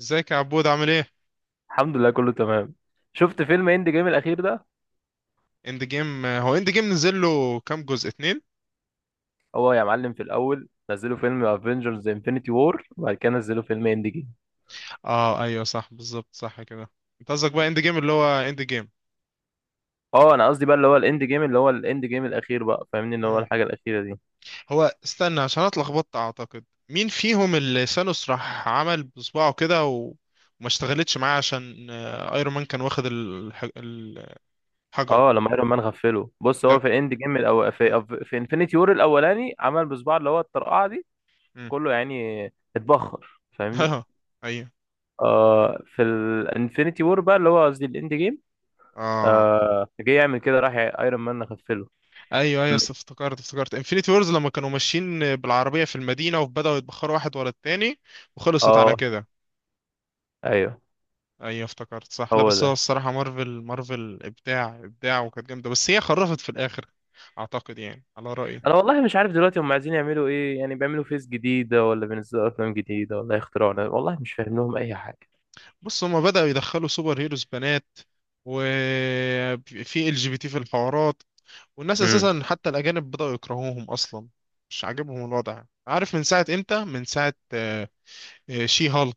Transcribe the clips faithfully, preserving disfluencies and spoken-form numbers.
ازيك يا عبود، عامل ايه؟ الحمد لله، كله تمام. شفت فيلم اند جيم الاخير ده؟ اند جيم، هو اند جيم نزل له كام جزء، اتنين؟ هو يا معلم، في الاول نزلوا فيلم افنجرز انفنتي وور، وبعد كده نزلوا فيلم اند جيم. اه، ايوه صح، بالظبط، صح كده. انت قصدك بقى اند جيم اللي هو اند جيم؟ اه، انا قصدي بقى اللي هو الاند جيم اللي هو الاند جيم الاخير بقى، فاهمني؟ اللي هو مم. الحاجه الاخيره دي. هو استنى، عشان انا اتلخبطت، اعتقد مين فيهم اللي ثانوس راح عمل بصباعه كده و... وما اشتغلتش معاه، عشان آه، ايرون مان كان واخد الح... الحجر اه لما ايرون مان غفله، بص، ده. هو في اند جيم الأو... في مم. أف- في انفنتي وور الاولاني عمل بصباعه اللي هو الطرقعه دي. مم. كله يعني اتبخر، فاهمني. اه، ايوه. آه في الانفنتي وور بقى، اللي هو قصدي الاند جيم. اه، آه جه يعمل كده راح ايرون مان غفله. ايوه. ايوه، است- افتكرت افتكرت انفينيتي وورز لما كانوا ماشيين بالعربيه في المدينه، وبداوا يتبخروا واحد ورا التاني، وخلصت على اه، كده. ايوه، ايوه افتكرت صح. لا هو بس هو ده. الصراحة، مارفل مارفل ابداع ابداع، وكانت جامدة، بس هي خرفت في الاخر. اعتقد يعني، على رأيي. انا والله مش عارف دلوقتي هم عايزين يعملوا ايه، يعني بيعملوا فيس جديده، ولا بينزلوا افلام جديده، ولا يخترعوا. أنا والله مش فاهم لهم اي حاجه. بص، هما بدأوا يدخلوا سوبر هيروز بنات، وفي ال جي بي تي في الحوارات، والناس امم. اساسا، حتى الاجانب، بدأوا يكرهوهم اصلا. مش عاجبهم الوضع، عارف من ساعة امتى؟ من ساعة آه، آه، شي هالك.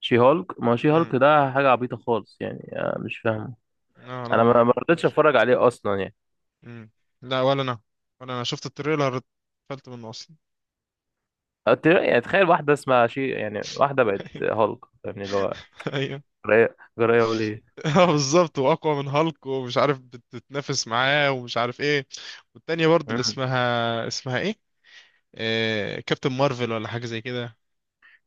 شي هولك، ما هو شي امم. هولك ده حاجه عبيطه خالص، يعني آه، مش فاهمه. لا، انا انا ما ما ما رضيتش عاجبش. اتفرج عليه اصلا يعني. امم. لا، ولا انا. ولا انا شفت التريلر. اتقفلت منه اصلا. أت- يعني تخيل واحده اسمها شي، يعني واحده بقت هولك. يعني اللي هو ايوه. جرايه جرايه وليه. اه، بالظبط، واقوى من هالك ومش عارف، بتتنافس معاه ومش عارف ايه. والتانية برضه، اللي امم. اسمها اسمها ايه؟ آه... كابتن مارفل ولا حاجة زي كده.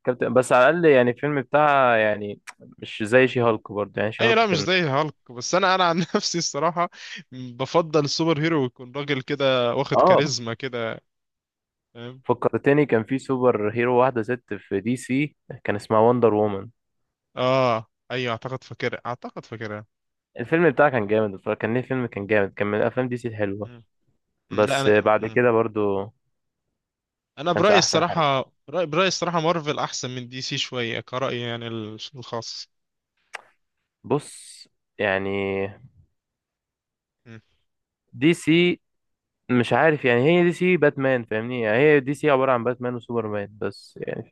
كابتن بس على الاقل يعني الفيلم بتاعها يعني مش زي شي هولك، برضه يعني شي اي، هولك لا مش كان. زي هالك، بس انا انا عن نفسي الصراحة، بفضل السوبر هيرو يكون راجل كده، واخد اه، كاريزما كده. فاهم. فكرتني، كان في سوبر هيرو واحده ست في دي سي، كان اسمها وندر وومن. اه، ايوه، اعتقد فاكرها، اعتقد فاكرها. الفيلم بتاعه كان جامد بصراحة، كان ليه فيلم، كان جامد، كان من أفلام دي سي الحلوة. مم. مم، لا بس انا، بعد مم. كده برضو انا كانش برأيي أحسن حاجة. الصراحة، برأيي برأيي الصراحة، مارفل احسن من دي سي شوية، كرأيي يعني ال- الخاص. بص يعني، مم. دي سي مش عارف، يعني هي دي سي باتمان، فاهمني؟ يعني هي دي سي عبارة عن باتمان وسوبرمان بس يعني.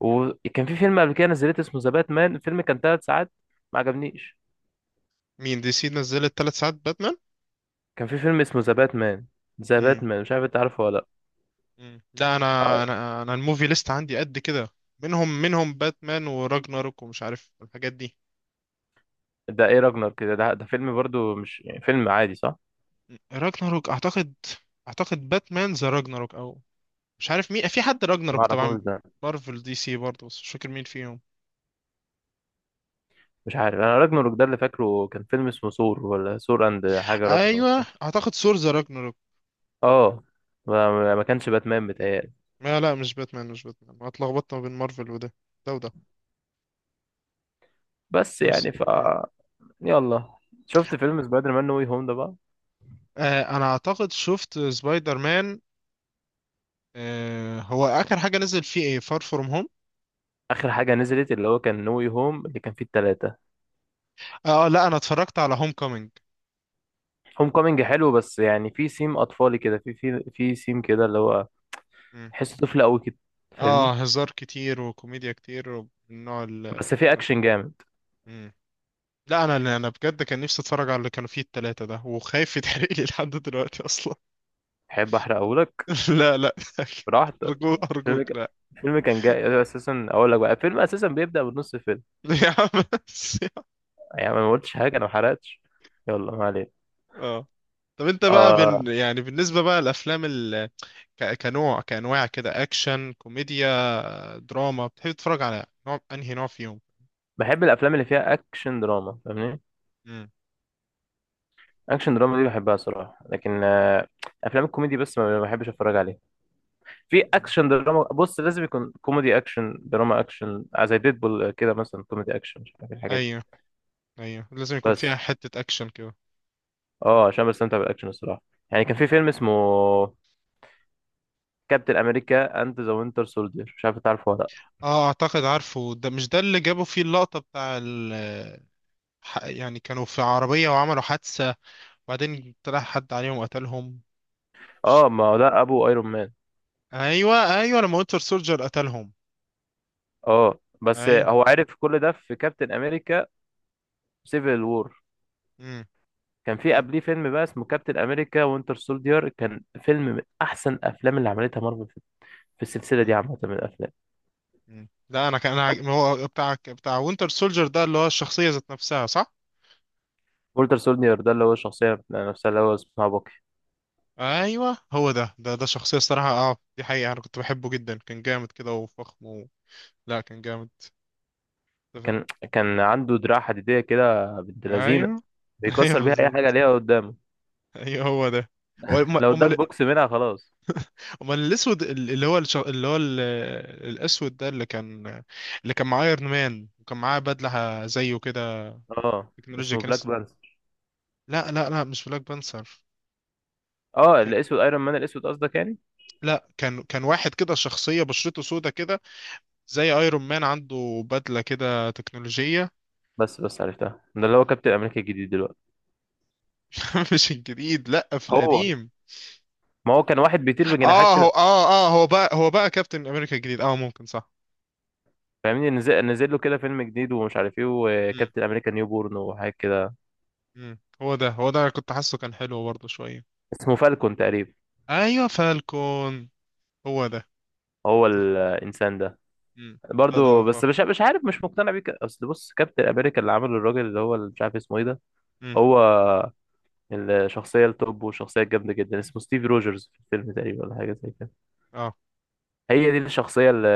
وكان في فيلم قبل كده نزلت اسمه ذا باتمان، الفيلم كان ثلاث ساعات، ما عجبنيش. مين دي سي نزلت ثلاث ساعات باتمان؟ كان في فيلم اسمه ذا باتمان. ذا باتمان، مش عارف انت عارفه ولا؟ مم. لا، انا لا، انا انا الموفي ليست عندي قد كده. منهم منهم باتمان وراجناروك ومش عارف الحاجات دي. ده ايه راجنر كده، ده, ده فيلم برضو مش يعني فيلم عادي، صح؟ مم. راجناروك اعتقد. اعتقد باتمان ذا راجناروك، او... مش عارف مين، في حد ما راجناروك اعرفوش طبعا. ده. مارفل، دي سي برضه، بس مش فاكر مين فيهم. مش عارف، انا راجناروك ده اللي فاكره كان فيلم اسمه ثور، ولا ثور اند حاجه راجناروك. ايوه اعتقد ثور ذا راجناروك. اه ما ما كانش باتمان، بتهيألي. لا لا، مش باتمان، مش باتمان، أنا اتلخبطت ما بين مارفل وده، ده وده. بس بس. يعني ف مم. يلا، شفت فيلم سبايدر مان نو واي هوم ده بقى؟ آه، انا اعتقد شفت سبايدر مان. آه، هو اخر حاجه نزل فيه ايه؟ فار فروم هوم؟ اخر حاجه نزلت اللي هو كان نو واي هوم، اللي كان فيه التلاتة. اه، آه، لا انا اتفرجت على هوم كومينج. هوم كومينج حلو، بس يعني في سيم اطفالي كده، في في في سيم كده، اللي هو تحسه طفل قوي كده، فاهمني؟ اه، هزار كتير وكوميديا كتير، والنوع ال- بس في كده. اكشن جامد. مم. لا، انا اللي انا بجد كان نفسي اتفرج على اللي كانوا فيه التلاتة ده، وخايف يتحرق لي لحد دلوقتي اصلا. احب احرقهولك؟ لا لا، براحتك. ارجوك الفيلم ارجوك، كان لا. الفيلم كان جاي اساسا، اقول لك بقى، الفيلم اساسا بيبدأ بنص الفيلم. يا عم بس. يعني أنا ما قلتش حاجة، أنا ما حرقتش. يلا، ما علينا. اه. طب انت بقى، بن آه يعني بالنسبة بقى، الافلام ال... ك... كنوع كانواع كده، اكشن كوميديا دراما، بتحب تتفرج على نوع، انهي نوع فيهم؟ بحب الأفلام اللي فيها أكشن دراما، فاهمني؟ مم. أكشن دراما دي بحبها صراحة، لكن آه أفلام الكوميدي بس ما ما بحبش أتفرج عليها. في مم. أكشن دراما، بص، لازم يكون كوميدي أكشن دراما أكشن، آه، زي ديدبول كده مثلا، كوميدي أكشن، مش عارف الحاجات دي. ايوه. ايوه، لازم يكون فيها بس حتة اكشن كده. أه عشان بستمتع بالأكشن الصراحة. يعني كان في فيلم اسمه كابتن أمريكا أند ذا وينتر سولدير، مش عارف تعرفه ولا لأ. اه، اعتقد عارفه. ده، مش ده اللي جابوا فيه اللقطة بتاع ال ح- يعني كانوا في عربية وعملوا حادثة، وبعدين طلع حد عليهم وقتلهم. ش- أه، ما هو ده أبو أيرون مان. ايوه. ايوه لما وينتر سولجر قتلهم. أه، بس ايوه. هو عرف كل ده في كابتن أمريكا سيفل وور. مم. كان في مم. قبليه فيلم بقى اسمه كابتن امريكا وينتر سولدير، كان فيلم من احسن افلام اللي عملتها مارفل في في السلسله دي مم. عامه من الافلام. مم. لا، انا كان انا عاج- هو بتاع بتاع وينتر سولجر ده، اللي هو الشخصية ذات نفسها، صح؟ وينتر سولدير ده اللي هو الشخصيه نفسها، اللي هو اسمها باكي. ايوه هو ده، ده ده شخصية الصراحة، اه دي حقيقة، انا كنت بحبه جدا، كان جامد كده وفخم و... لا كان جامد. اتفق. كان كان عنده دراع حديديه كده، بنت لذينه، ايوه. ايوه بيكسر بيها اي حاجه بالظبط. ليها قدامه. ايوه هو ده. هو- لو اداك امال، بوكس منها خلاص. امال الاسود. ال- اللي هو الش... اللي هو ال... الاسود ده اللي كان، اللي كان معاه ايرون مان وكان معاه بدله زيه كده، اه، تكنولوجيا، اسمه كان بلاك اس... بانثر. لا لا لا، مش بلاك بانثر. اه، ك... الاسود ايرون مان الاسود قصدك يعني؟ لا، كان كان واحد كده، شخصيه بشرته سودا كده، زي ايرون مان عنده بدله كده تكنولوجيه. بس بس عرفتها، ده اللي هو كابتن امريكا الجديد دلوقتي. مش الجديد، لا، في هو، القديم. ما هو كان واحد بيطير بجناحات اه هو كده، اه اه هو بقى هو بقى كابتن امريكا الجديد، اه ممكن، صح. فاهمني؟ نزل, نزل له كده فيلم جديد، ومش عارف ايه، مم. وكابتن امريكا نيو بورن، وحاجات كده. مم. هو ده هو ده، كنت حاسه كان حلو برضه شويه. اسمه فالكون تقريبا. ايوه فالكون، هو ده. هو الانسان ده مم. لا ده. برضو، بس اه. مش مش عارف، مش مقتنع بيه. ك- اصل بص، كابتن امريكا اللي عمله الراجل، اللي هو اللي مش عارف اسمه ايه ده، مم. هو الشخصيه التوب، والشخصيه الجامده جدا، اسمه ستيف روجرز في الفيلم تقريبا، ولا حاجه زي كده. اه. هي دي الشخصيه اللي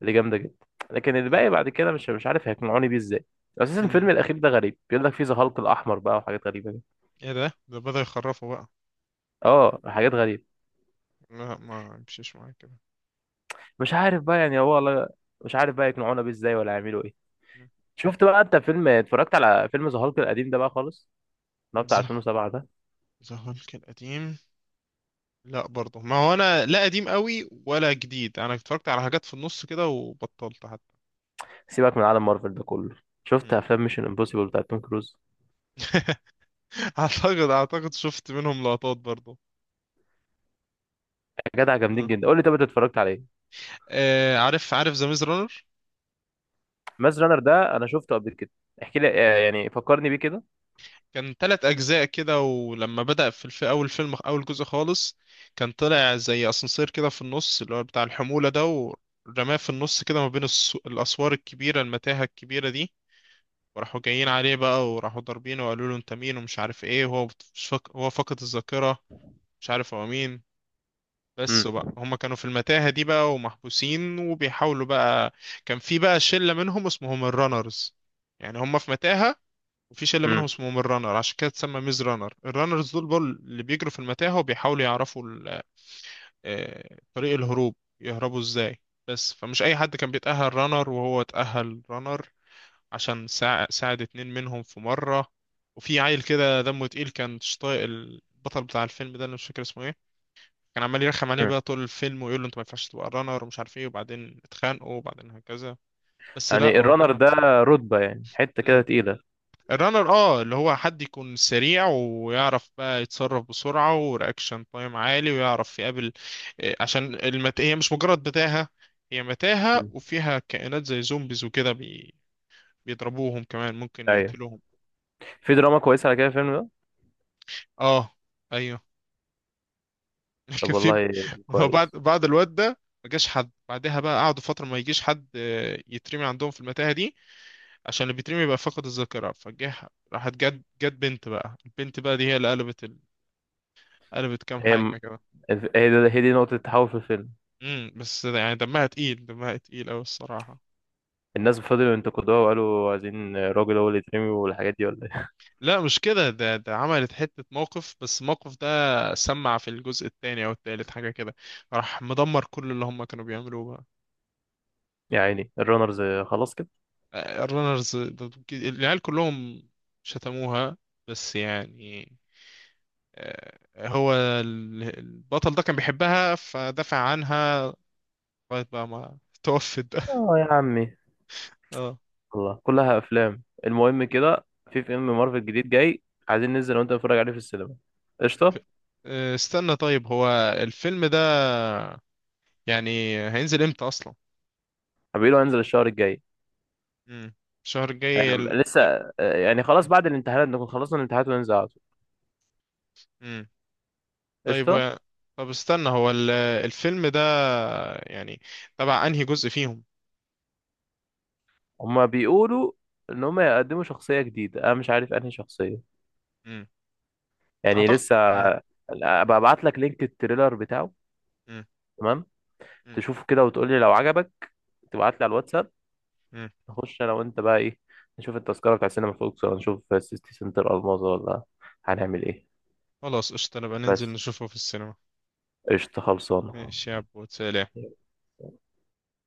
اللي جامده جدا. لكن مم. الباقي بعد كده مش مش عارف هيقنعوني بيه ازاي. اساسا مم. الفيلم الاخير ده غريب، بيقول لك فيه ذا هالك الاحمر بقى، وحاجات غريبه كده. ايه ده، ده بدأ يخرفه بقى. اه، حاجات غريبه. لا، ما مشيش معايا كده. مش عارف بقى، يعني هو والله مش عارف بقى يقنعونا بيه ازاي، ولا يعملوا ايه. مم. شفت بقى انت فيلم، اتفرجت على فيلم ذا هالك القديم ده بقى خالص، اللي هو بتاع ذا سنة ألفين وسبعة ده؟ ذا هالك القديم. لا برضه، ما هو انا لا قديم قوي ولا جديد، انا اتفرجت على حاجات في النص كده، وبطلت حتى. سيبك من عالم مارفل ده كله. شفت مم. افلام ميشن امبوسيبل بتاع توم كروز؟ اعتقد اعتقد شفت منهم لقطات برضه. يا جدع جامدين جدا. قول لي، طب انت اتفرجت على ايه؟ آه، عارف عارف ذا ميز رانر. ماز رانر ده انا شفته قبل كده. احكي لي، آه، يعني فكرني بيه كده. كان تلات أجزاء كده، ولما بدأ في الف... أول فيلم، أول جزء خالص، كان طلع زي أسانسير كده في النص اللي هو بتاع الحمولة ده، ورماه في النص كده ما بين الس... الأسوار الكبيرة، المتاهة الكبيرة دي. وراحوا جايين عليه بقى، وراحوا ضاربينه، وقالوا له أنت مين ومش عارف إيه، وهو بت- مش فاك... هو فقد الذاكرة، مش عارف هو مين. بس امم. بقى، هما كانوا في المتاهة دي بقى، ومحبوسين وبيحاولوا بقى. كان في بقى شلة منهم اسمهم الرانرز، يعني هما في متاهة، وفي شله منهم امم. اسمهم الرانر، عشان كده اتسمى ميز رانر. الرانرز دول بول اللي بيجروا في المتاهه وبيحاولوا يعرفوا ال- آه، طريق الهروب، يهربوا ازاي. بس فمش اي حد كان بيتاهل رانر، وهو اتاهل رانر عشان ساع- ساعد اتنين منهم في مره. وفي عيل كده دمه تقيل، كان مش طايق البطل بتاع الفيلم ده، انا مش فاكر اسمه ايه، كان عمال يرخم عليه امم. بقى طول الفيلم، ويقول له انت ما ينفعش تبقى رانر ومش عارف ايه، وبعدين اتخانقوا، وبعدين هكذا. بس، لا يعني هو الرانر فاهم. ده رتبة، يعني حتة كده تقيلة؟ الرانر، اه اللي هو حد يكون سريع ويعرف بقى يتصرف بسرعة، ورياكشن تايم عالي، ويعرف يقابل آه، عشان المت... هي مش مجرد متاهة، هي متاهة مم. وفيها كائنات زي زومبيز وكده، بي... بيضربوهم كمان، ممكن ايوه، يقتلوهم. في دراما كويسة على كده الفيلم ده. اه. ايوه. طب كان في... والله هو بعد كويس. بعد الواد ده، ما جاش حد بعدها بقى، قعدوا فترة ما يجيش حد آه، يترمي عندهم في المتاهة دي، عشان اللي بيترمي يبقى فقد الذاكرة فجه. راحت جت جت بنت بقى، البنت بقى دي هي اللي قلبت ال... قلبت كام هي حاجة. هي دي هي دي نقطة التحول في الفيلم. امم. بس يعني دمها تقيل، دمها تقيل أوي الصراحة. الناس فضلوا ينتقدوها، وقالوا عايزين راجل هو اللي يترمي، والحاجات دي ولا ايه. لا مش كده، ده ده عملت حتة موقف، بس الموقف ده، سمع في الجزء التاني أو التالت حاجة كده، راح مدمر كل اللي هم كانوا بيعملوه بقى. يا عيني الرانرز، خلاص كده. آه، الرنرز ده- العيال كلهم شتموها، بس يعني، آه، هو ال- البطل ده كان بيحبها فدافع عنها، لغاية بقى ما توفت بقى. اه يا عمي. اه. والله كلها افلام. المهم كده، في فيلم مارفل جديد جاي، عايزين ننزل وانت نتفرج عليه في السينما. ف- قشطه؟ آه، استنى طيب، هو الفيلم ده يعني هينزل امتى أصلا؟ حبيبي لو هنزل الشهر الجاي. امم. الشهر الجاي هيعم- ال... لسه، يا- آه، يعني خلاص مم. بعد الامتحانات، نكون خلصنا الامتحانات وننزل على طول. مم. طيب، قشطه. و- طب استنى، هو ال... الفيلم ده، يعني تبع انهي جزء فيهم؟ هما بيقولوا ان هما يقدموا شخصيه جديده، انا مش عارف انهي شخصيه. امم. يعني اعتقد. لسه امم. آه، ابقى ابعت لك لينك التريلر بتاعه، امم. تمام؟ تشوفه كده وتقولي لو عجبك، تبعت لي على الواتساب. امم. نخش انا وانت بقى ايه؟ نشوف التذكرة بتاع سينما فوكس، ولا نشوف سيتي سنتر الماظة، ولا هنعمل ايه؟ خلاص قشطة، نبقى ننزل بس. نشوفه في السينما. قشطة خلصانة. ماشي يا عبود، سلام.